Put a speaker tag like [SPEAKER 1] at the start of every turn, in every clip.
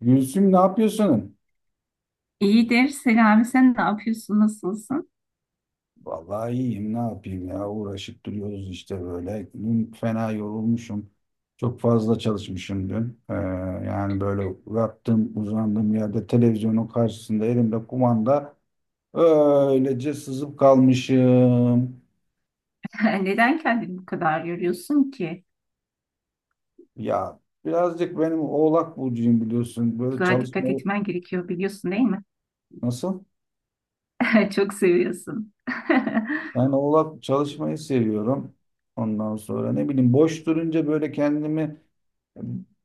[SPEAKER 1] Gülsüm ne yapıyorsun?
[SPEAKER 2] İyidir. Selami sen ne yapıyorsun? Nasılsın?
[SPEAKER 1] Vallahi iyiyim, ne yapayım ya, uğraşıp duruyoruz işte böyle. Dün fena yorulmuşum. Çok fazla çalışmışım dün. Yani böyle yattığım uzandığım yerde, televizyonun karşısında, elimde kumanda, öylece sızıp kalmışım.
[SPEAKER 2] Neden kendini bu kadar yoruyorsun ki?
[SPEAKER 1] Ya, birazcık benim, Oğlak burcuyum biliyorsun. Böyle
[SPEAKER 2] Daha dikkat
[SPEAKER 1] çalışmayı
[SPEAKER 2] etmen gerekiyor biliyorsun değil mi?
[SPEAKER 1] nasıl?
[SPEAKER 2] Çok seviyorsun.
[SPEAKER 1] Ben Oğlak, çalışmayı seviyorum. Ondan sonra ne bileyim, boş durunca böyle kendimi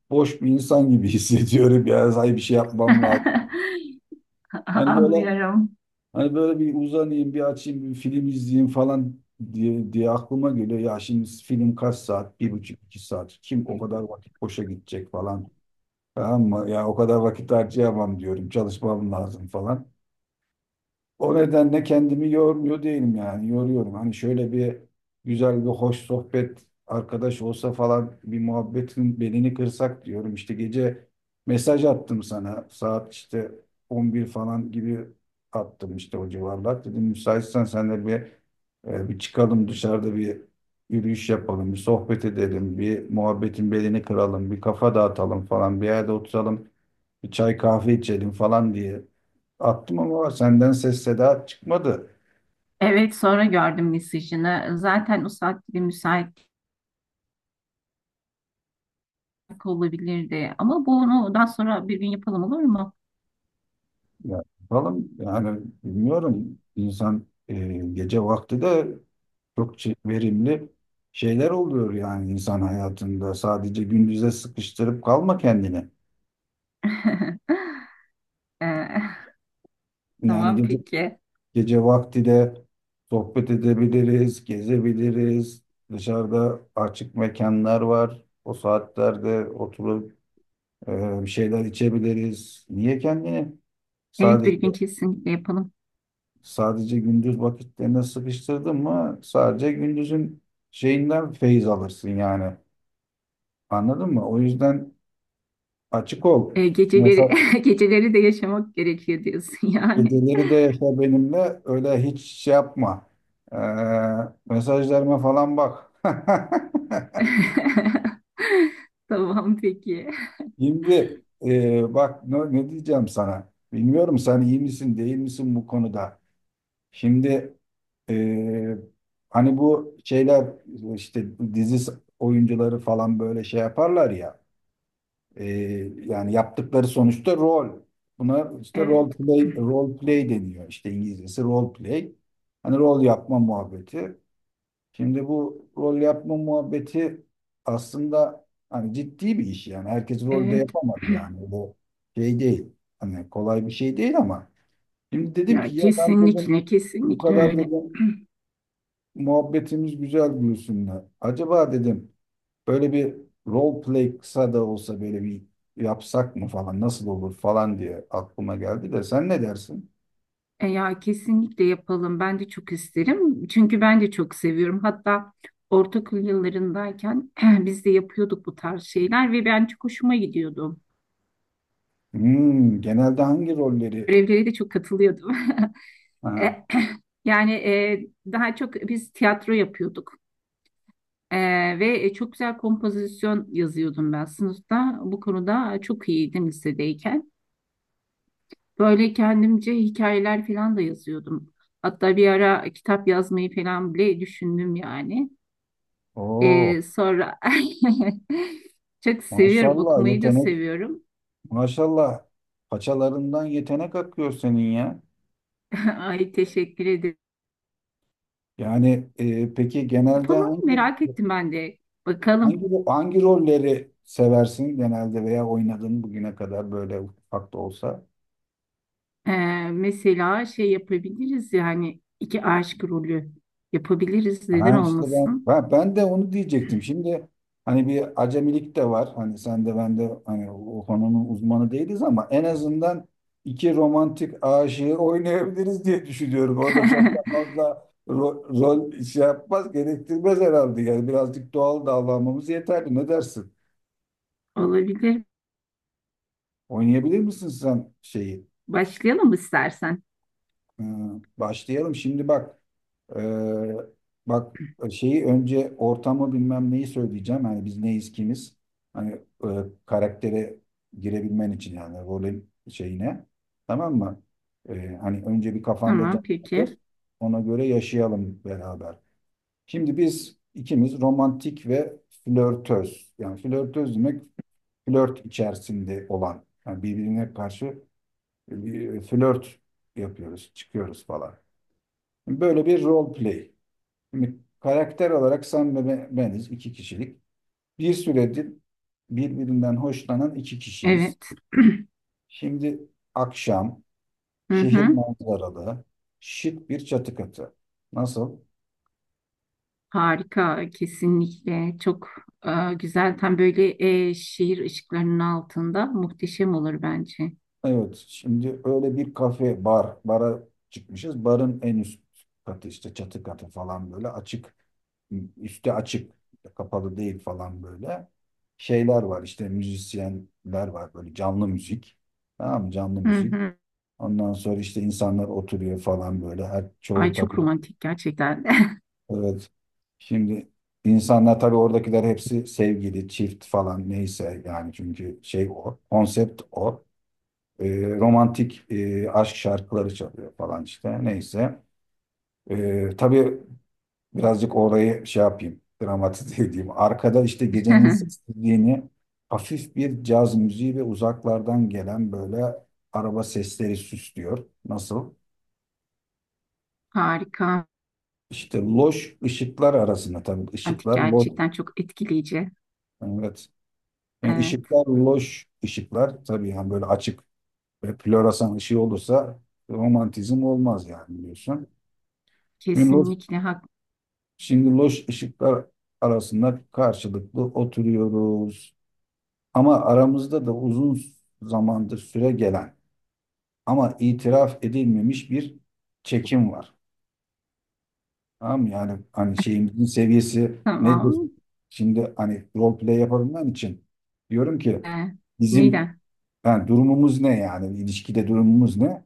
[SPEAKER 1] boş bir insan gibi hissediyorum ya. Hay, bir şey yapmam lazım. Hani böyle
[SPEAKER 2] Anlıyorum.
[SPEAKER 1] hani böyle bir uzanayım, bir açayım, bir film izleyeyim falan diye aklıma geliyor. Ya şimdi film kaç saat? Bir buçuk, iki saat. Kim o kadar vakit boşa gidecek falan. Tamam mı? Ya o kadar vakit harcayamam diyorum. Çalışmam lazım falan. O nedenle kendimi yormuyor değilim yani. Yoruyorum. Hani şöyle bir güzel bir hoş sohbet arkadaş olsa falan, bir muhabbetin belini kırsak diyorum. İşte gece mesaj attım sana. Saat işte 11 falan gibi attım, işte o civarlar. Dedim müsaitsen senle bir bir çıkalım, dışarıda bir yürüyüş yapalım, bir sohbet edelim, bir muhabbetin belini kıralım, bir kafa dağıtalım falan, bir yerde oturalım, bir çay kahve içelim falan diye attım, ama senden ses seda çıkmadı.
[SPEAKER 2] Evet, sonra gördüm mesajını. Zaten o saatte bir müsaitlik olabilirdi. Ama bunu daha sonra bir gün yapalım olur mu?
[SPEAKER 1] Ya, falan yani bilmiyorum, insan gece vakti de çok verimli şeyler oluyor yani insan hayatında. Sadece gündüze sıkıştırıp kalma kendini.
[SPEAKER 2] Ee,
[SPEAKER 1] Yani
[SPEAKER 2] tamam
[SPEAKER 1] gece,
[SPEAKER 2] peki.
[SPEAKER 1] gece vakti de sohbet edebiliriz, gezebiliriz. Dışarıda açık mekanlar var. O saatlerde oturup bir şeyler içebiliriz. Niye kendini
[SPEAKER 2] Evet
[SPEAKER 1] sadece
[SPEAKER 2] bir gün kesinlikle yapalım.
[SPEAKER 1] sadece gündüz vakitlerine sıkıştırdın mı, sadece gündüzün şeyinden feyiz alırsın yani. Anladın mı? O yüzden açık ol.
[SPEAKER 2] Geceleri
[SPEAKER 1] Mesela
[SPEAKER 2] geceleri de yaşamak gerekiyor diyorsun yani.
[SPEAKER 1] geceleri de yaşa benimle, öyle hiç şey yapma. Ee, Mesajlarıma falan bak.
[SPEAKER 2] Tamam peki.
[SPEAKER 1] Şimdi bak ne diyeceğim sana. Bilmiyorum sen iyi misin değil misin bu konuda. Şimdi eee, hani bu şeyler işte dizi oyuncuları falan böyle şey yaparlar ya, yani yaptıkları sonuçta rol. Buna işte
[SPEAKER 2] Evet.
[SPEAKER 1] role play deniyor, işte İngilizcesi role play. Hani rol yapma muhabbeti. Şimdi bu rol yapma muhabbeti aslında hani ciddi bir iş, yani herkes rolde
[SPEAKER 2] Evet.
[SPEAKER 1] yapamaz, yani bu şey değil. Hani kolay bir şey değil ama şimdi dedim ki
[SPEAKER 2] Ya
[SPEAKER 1] ya, ben dedim
[SPEAKER 2] kesinlikle
[SPEAKER 1] bu
[SPEAKER 2] kesinlikle
[SPEAKER 1] kadar
[SPEAKER 2] öyle.
[SPEAKER 1] dedim muhabbetimiz güzel Gülsüm'le. Acaba dedim böyle bir role play kısa da olsa böyle bir yapsak mı falan, nasıl olur falan diye aklıma geldi de, sen ne dersin?
[SPEAKER 2] E ya kesinlikle yapalım. Ben de çok isterim. Çünkü ben de çok seviyorum. Hatta ortaokul yıllarındayken biz de yapıyorduk bu tarz şeyler ve ben çok hoşuma gidiyordum.
[SPEAKER 1] Hmm, genelde hangi rolleri?
[SPEAKER 2] Görevlere de çok katılıyordum.
[SPEAKER 1] Ha,
[SPEAKER 2] Yani daha çok biz tiyatro yapıyorduk. E, ve çok güzel kompozisyon yazıyordum ben sınıfta. Bu konuda çok iyiydim lisedeyken. Böyle kendimce hikayeler falan da yazıyordum. Hatta bir ara kitap yazmayı falan bile düşündüm yani.
[SPEAKER 1] oo,
[SPEAKER 2] Sonra çok seviyorum,
[SPEAKER 1] maşallah
[SPEAKER 2] okumayı da
[SPEAKER 1] yetenek,
[SPEAKER 2] seviyorum.
[SPEAKER 1] maşallah paçalarından yetenek akıyor senin ya.
[SPEAKER 2] Ay teşekkür ederim.
[SPEAKER 1] Yani peki genelde
[SPEAKER 2] Yapalım,
[SPEAKER 1] hangi
[SPEAKER 2] merak ettim ben de. Bakalım.
[SPEAKER 1] hangi rolleri seversin genelde, veya oynadın bugüne kadar böyle ufak da olsa?
[SPEAKER 2] Ee, mesela şey yapabiliriz yani iki aşk rolü yapabiliriz neden
[SPEAKER 1] Ha işte ben,
[SPEAKER 2] olmasın?
[SPEAKER 1] ben de onu diyecektim. Şimdi hani bir acemilik de var. Hani sen de ben de hani o konunun uzmanı değiliz, ama en azından iki romantik aşığı oynayabiliriz diye düşünüyorum. O da çok da fazla rol şey yapmaz, gerektirmez herhalde. Yani birazcık doğal davranmamız yeterli. Ne dersin?
[SPEAKER 2] Olabilir.
[SPEAKER 1] Oynayabilir misin sen şeyi?
[SPEAKER 2] Başlayalım istersen.
[SPEAKER 1] Ee, Başlayalım. Şimdi bak, Ee, bak şeyi önce, ortamı bilmem neyi söyleyeceğim. Hani biz neyiz, kimiz? Hani e, karaktere girebilmen için, yani rolün şeyine. Tamam mı? Hani önce bir kafanda
[SPEAKER 2] Tamam
[SPEAKER 1] canlandır.
[SPEAKER 2] peki.
[SPEAKER 1] Ona göre yaşayalım beraber. Şimdi biz ikimiz romantik ve flörtöz. Yani flörtöz demek flört içerisinde olan. Yani birbirine karşı bir flört yapıyoruz, çıkıyoruz falan. Böyle bir role play. Şimdi karakter olarak sen ve beniz iki kişilik. Bir süredir birbirinden hoşlanan iki kişiyiz.
[SPEAKER 2] Evet.
[SPEAKER 1] Şimdi akşam,
[SPEAKER 2] Hı
[SPEAKER 1] şehir
[SPEAKER 2] hı.
[SPEAKER 1] manzaralı, şık bir çatı katı. Nasıl?
[SPEAKER 2] Harika, kesinlikle çok güzel, tam böyle şehir ışıklarının altında muhteşem olur bence.
[SPEAKER 1] Evet, şimdi öyle bir kafe, bara çıkmışız. Barın en üst katı, işte çatı katı falan, böyle açık, üstü açık, kapalı değil falan böyle. Şeyler var, işte müzisyenler var, böyle canlı müzik. Tamam mı? Canlı
[SPEAKER 2] Hı
[SPEAKER 1] müzik.
[SPEAKER 2] hı.
[SPEAKER 1] Ondan sonra işte insanlar oturuyor falan böyle. Her çoğu
[SPEAKER 2] Ay
[SPEAKER 1] tabii.
[SPEAKER 2] çok romantik gerçekten.
[SPEAKER 1] Evet. Şimdi insanlar tabii oradakiler hepsi sevgili, çift falan, neyse yani, çünkü şey o. Konsept o. Romantik aşk şarkıları çalıyor falan, işte neyse. Tabii birazcık orayı şey yapayım. Dramatize edeyim. Arkada işte gecenin sessizliğini hafif bir caz müziği ve uzaklardan gelen böyle araba sesleri süslüyor. Nasıl?
[SPEAKER 2] Harika,
[SPEAKER 1] İşte loş ışıklar arasında, tabii
[SPEAKER 2] romantik
[SPEAKER 1] ışıklar loş.
[SPEAKER 2] gerçekten, çok etkileyici.
[SPEAKER 1] Evet. Yani
[SPEAKER 2] Evet,
[SPEAKER 1] ışıklar loş, ışıklar tabii yani böyle açık ve floresan ışığı olursa romantizm olmaz yani, biliyorsun. Şimdi loş,
[SPEAKER 2] kesinlikle hak.
[SPEAKER 1] şimdi loş ışıklar arasında karşılıklı oturuyoruz. Ama aramızda da uzun zamandır süre gelen ama itiraf edilmemiş bir çekim var. Tamam, yani hani şeyimizin seviyesi nedir?
[SPEAKER 2] Tamam.
[SPEAKER 1] Şimdi hani role play yapabilmem için diyorum ki
[SPEAKER 2] Ee,
[SPEAKER 1] bizim,
[SPEAKER 2] Neden?
[SPEAKER 1] yani durumumuz ne, yani ilişkide durumumuz ne?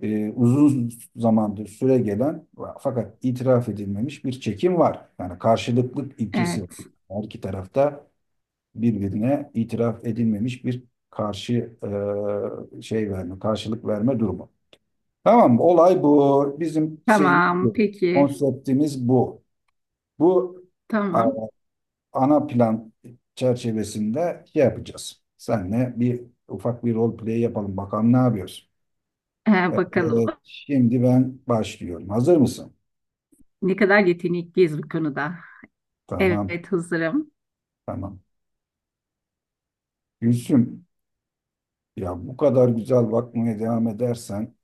[SPEAKER 1] Uzun zamandır süre gelen fakat itiraf edilmemiş bir çekim var. Yani karşılıklık ilkesi var.
[SPEAKER 2] Evet.
[SPEAKER 1] Her iki tarafta birbirine itiraf edilmemiş bir karşı şey verme, karşılık verme durumu. Tamam mı? Olay bu. Bizim şeyimiz
[SPEAKER 2] Tamam,
[SPEAKER 1] bu.
[SPEAKER 2] peki.
[SPEAKER 1] Konseptimiz bu. Bu a-
[SPEAKER 2] Tamam.
[SPEAKER 1] ana plan çerçevesinde şey yapacağız. Senle bir ufak bir rol play yapalım. Bakalım ne yapıyoruz.
[SPEAKER 2] Bakalım.
[SPEAKER 1] Evet, şimdi ben başlıyorum. Hazır mısın?
[SPEAKER 2] Ne kadar yetenekliyiz bu konuda.
[SPEAKER 1] Tamam,
[SPEAKER 2] Evet, hazırım.
[SPEAKER 1] tamam. Gülsüm, ya bu kadar güzel bakmaya devam edersen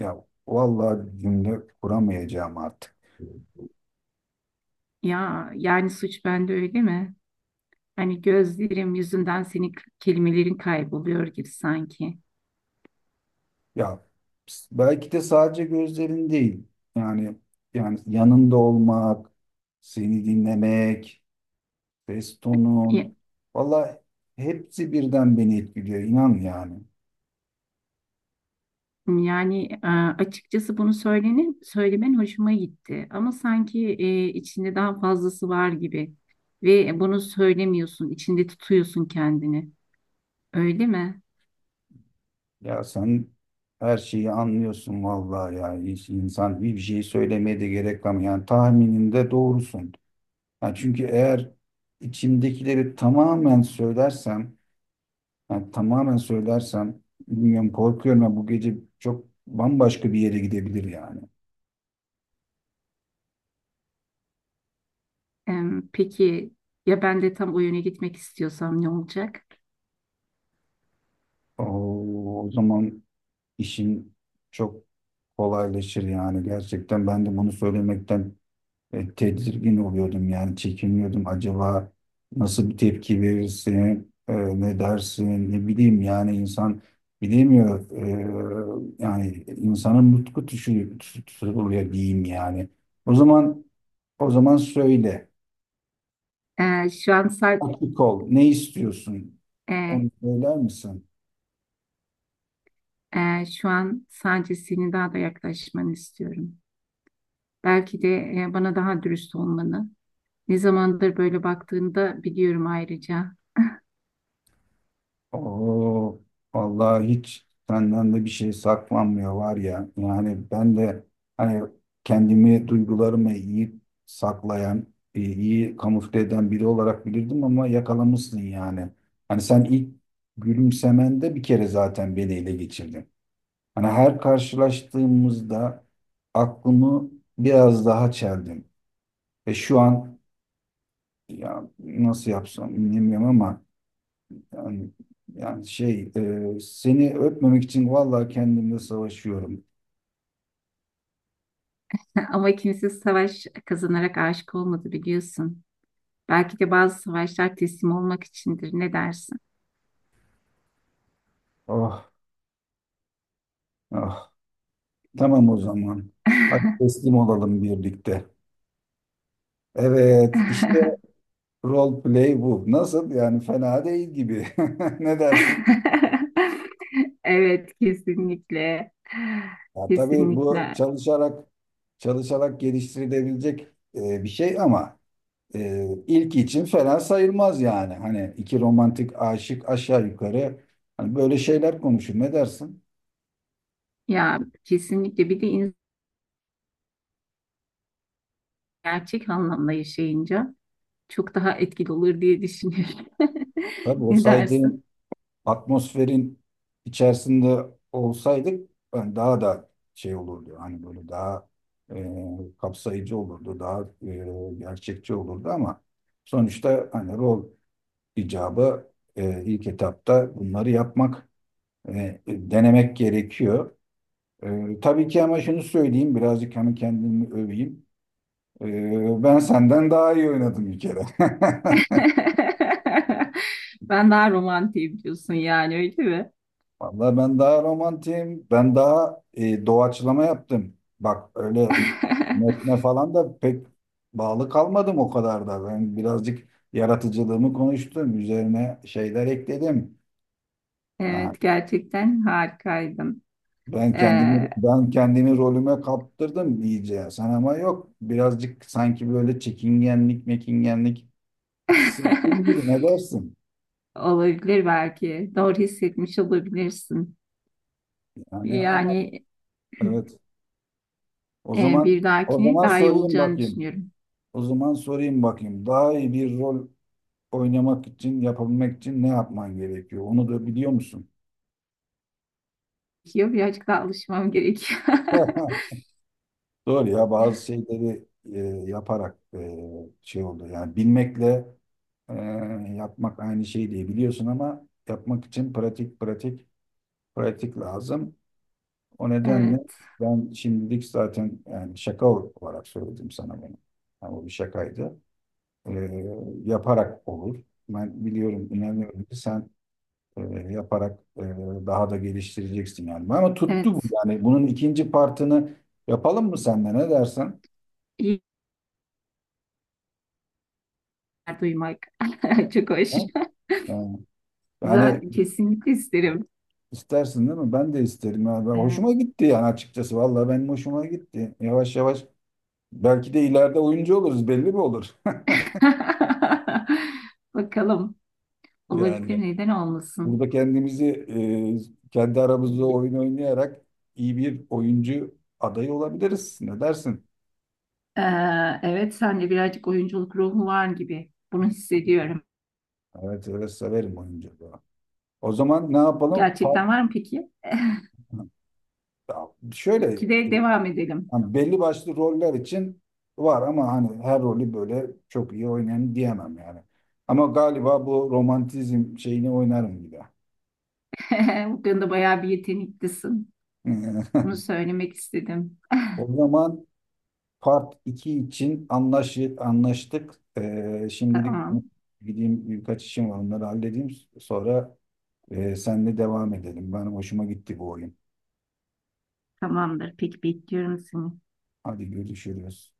[SPEAKER 1] ya vallahi cümle kuramayacağım artık.
[SPEAKER 2] Ya, yani suç bende öyle mi? Hani gözlerim yüzünden senin kelimelerin kayboluyor gibi sanki.
[SPEAKER 1] Ya, belki de sadece gözlerin değil. Yani yani yanında olmak, seni dinlemek,
[SPEAKER 2] Ya-
[SPEAKER 1] Feston'un. Valla hepsi birden beni etkiliyor, inan yani.
[SPEAKER 2] Yani açıkçası bunu söylemen hoşuma gitti. Ama sanki içinde daha fazlası var gibi. Ve bunu söylemiyorsun, içinde tutuyorsun kendini. Öyle mi?
[SPEAKER 1] Ya sen her şeyi anlıyorsun vallahi ya. Hiç insan bir şey söylemeye de gerek kalmıyor. Yani tahmininde doğrusun. Yani çünkü eğer içimdekileri tamamen söylersem, yani tamamen söylersem, bilmiyorum, korkuyorum ya, bu gece çok bambaşka bir yere gidebilir yani.
[SPEAKER 2] Em, peki ya ben de tam o yöne gitmek istiyorsam ne olacak?
[SPEAKER 1] Oo, o zaman işin çok kolaylaşır yani. Gerçekten ben de bunu söylemekten tedirgin oluyordum, yani çekiniyordum, acaba nasıl bir tepki verirsin, ne dersin, ne bileyim, yani insan bilemiyor. Yani insanın nutku tuşu tutuluyor diyeyim yani. o zaman O zaman söyle,
[SPEAKER 2] E, şu an sa-
[SPEAKER 1] açık ol, ne istiyorsun,
[SPEAKER 2] e,
[SPEAKER 1] onu söyler misin?
[SPEAKER 2] e, şu an sadece senin daha da yaklaşmanı istiyorum. Belki de bana daha dürüst olmanı. Ne zamandır böyle baktığını da biliyorum ayrıca.
[SPEAKER 1] Oo, vallahi hiç senden de bir şey saklanmıyor var ya. Yani ben de hani kendimi, duygularımı iyi saklayan, iyi kamufle eden biri olarak bilirdim ama yakalamışsın yani. Hani sen ilk gülümsemende bir kere zaten beni ele geçirdin. Hani her karşılaştığımızda aklımı biraz daha çeldin. Ve şu an ya nasıl yapsam bilmiyorum ama yani, yani şey, seni öpmemek için vallahi kendimle savaşıyorum.
[SPEAKER 2] Ama kimse savaş kazanarak aşık olmadı biliyorsun. Belki de bazı savaşlar teslim olmak içindir. Ne dersin?
[SPEAKER 1] Ah ah. Tamam o zaman. Hadi teslim olalım birlikte. Evet işte role play bu. Nasıl, yani fena değil gibi. Ne dersin?
[SPEAKER 2] Evet, kesinlikle.
[SPEAKER 1] Ya tabii bu
[SPEAKER 2] Kesinlikle.
[SPEAKER 1] çalışarak geliştirilebilecek bir şey ama ilk için fena sayılmaz yani. Hani iki romantik aşık aşağı yukarı hani böyle şeyler konuşur. Ne dersin?
[SPEAKER 2] Ya kesinlikle, bir de insan gerçek anlamda yaşayınca çok daha etkili olur diye düşünüyorum.
[SPEAKER 1] Tabii o
[SPEAKER 2] Ne dersin?
[SPEAKER 1] saydığın atmosferin içerisinde olsaydık ben daha da şey olurdu. Hani böyle daha kapsayıcı olurdu, daha gerçekçi olurdu ama sonuçta hani rol icabı ilk etapta bunları yapmak, denemek gerekiyor. Tabii ki, ama şunu söyleyeyim, birazcık hani kendimi öveyim. Ben senden daha iyi oynadım bir kere.
[SPEAKER 2] Ben daha romantiyim diyorsun yani öyle mi?
[SPEAKER 1] Vallahi ben daha romantiyim. Ben daha doğaçlama yaptım. Bak öyle metne falan da pek bağlı kalmadım o kadar da. Ben birazcık yaratıcılığımı konuştum. Üzerine şeyler ekledim. Ha,
[SPEAKER 2] Evet, gerçekten harikaydım. Ee,
[SPEAKER 1] ben kendimi rolüme kaptırdım iyice. Sen ama yok. Birazcık sanki böyle çekingenlik, mekingenlik hissettiğim gibi, ne dersin?
[SPEAKER 2] olabilir belki. Doğru hissetmiş olabilirsin.
[SPEAKER 1] Yani ama
[SPEAKER 2] Yani
[SPEAKER 1] evet. O zaman
[SPEAKER 2] bir
[SPEAKER 1] O
[SPEAKER 2] dahakine
[SPEAKER 1] zaman
[SPEAKER 2] daha iyi
[SPEAKER 1] sorayım
[SPEAKER 2] olacağını
[SPEAKER 1] bakayım.
[SPEAKER 2] düşünüyorum.
[SPEAKER 1] O zaman sorayım bakayım. Daha iyi bir rol oynamak için, yapabilmek için ne yapman gerekiyor? Onu da biliyor musun?
[SPEAKER 2] Yok, birazcık daha alışmam gerekiyor.
[SPEAKER 1] Doğru ya, bazı şeyleri e, yaparak şey oldu. Yani bilmekle e, yapmak aynı şey değil biliyorsun, ama yapmak için pratik lazım. O nedenle
[SPEAKER 2] Evet.
[SPEAKER 1] ben şimdilik zaten yani şaka olarak söyledim sana bunu. Yani o bir şakaydı. E, Yaparak olur. Ben biliyorum, inanıyorum ki sen e, yaparak daha da geliştireceksin yani. Ama tuttu bu
[SPEAKER 2] Evet.
[SPEAKER 1] yani. Bunun ikinci partını yapalım mı senle, ne dersen?
[SPEAKER 2] İyi günler duymak. Çok hoş.
[SPEAKER 1] Ha? Ha. Yani
[SPEAKER 2] Güzel, kesinlikle isterim.
[SPEAKER 1] istersin değil mi? Ben de isterim. Ya. Ben,
[SPEAKER 2] Evet.
[SPEAKER 1] hoşuma gitti yani açıkçası. Vallahi benim hoşuma gitti. Yavaş yavaş belki de ileride oyuncu oluruz, belli mi olur?
[SPEAKER 2] Bakalım. Olabilir,
[SPEAKER 1] Yani
[SPEAKER 2] neden olmasın?
[SPEAKER 1] burada kendimizi kendi aramızda oyun oynayarak iyi bir oyuncu adayı olabiliriz. Ne dersin?
[SPEAKER 2] Ee, evet, sende birazcık oyunculuk ruhu var gibi. Bunu hissediyorum.
[SPEAKER 1] Evet, evet, severim oyunculuğu. O zaman ne yapalım? Part-
[SPEAKER 2] Gerçekten var mı peki?
[SPEAKER 1] ya şöyle e,
[SPEAKER 2] İkide devam edelim.
[SPEAKER 1] hani belli başlı roller için var, ama hani her rolü böyle çok iyi oynayan diyemem yani. Ama galiba bu romantizm şeyini oynarım gibi.
[SPEAKER 2] Bu konuda bayağı bir yeteneklisin. Bunu söylemek istedim.
[SPEAKER 1] O zaman part 2 için anlaştık. Şimdilik
[SPEAKER 2] Tamam.
[SPEAKER 1] gideyim, birkaç işim var, onları halledeyim. Sonra senle devam edelim. Ben hoşuma gitti bu oyun.
[SPEAKER 2] Tamamdır. Peki bekliyorum seni.
[SPEAKER 1] Hadi görüşürüz.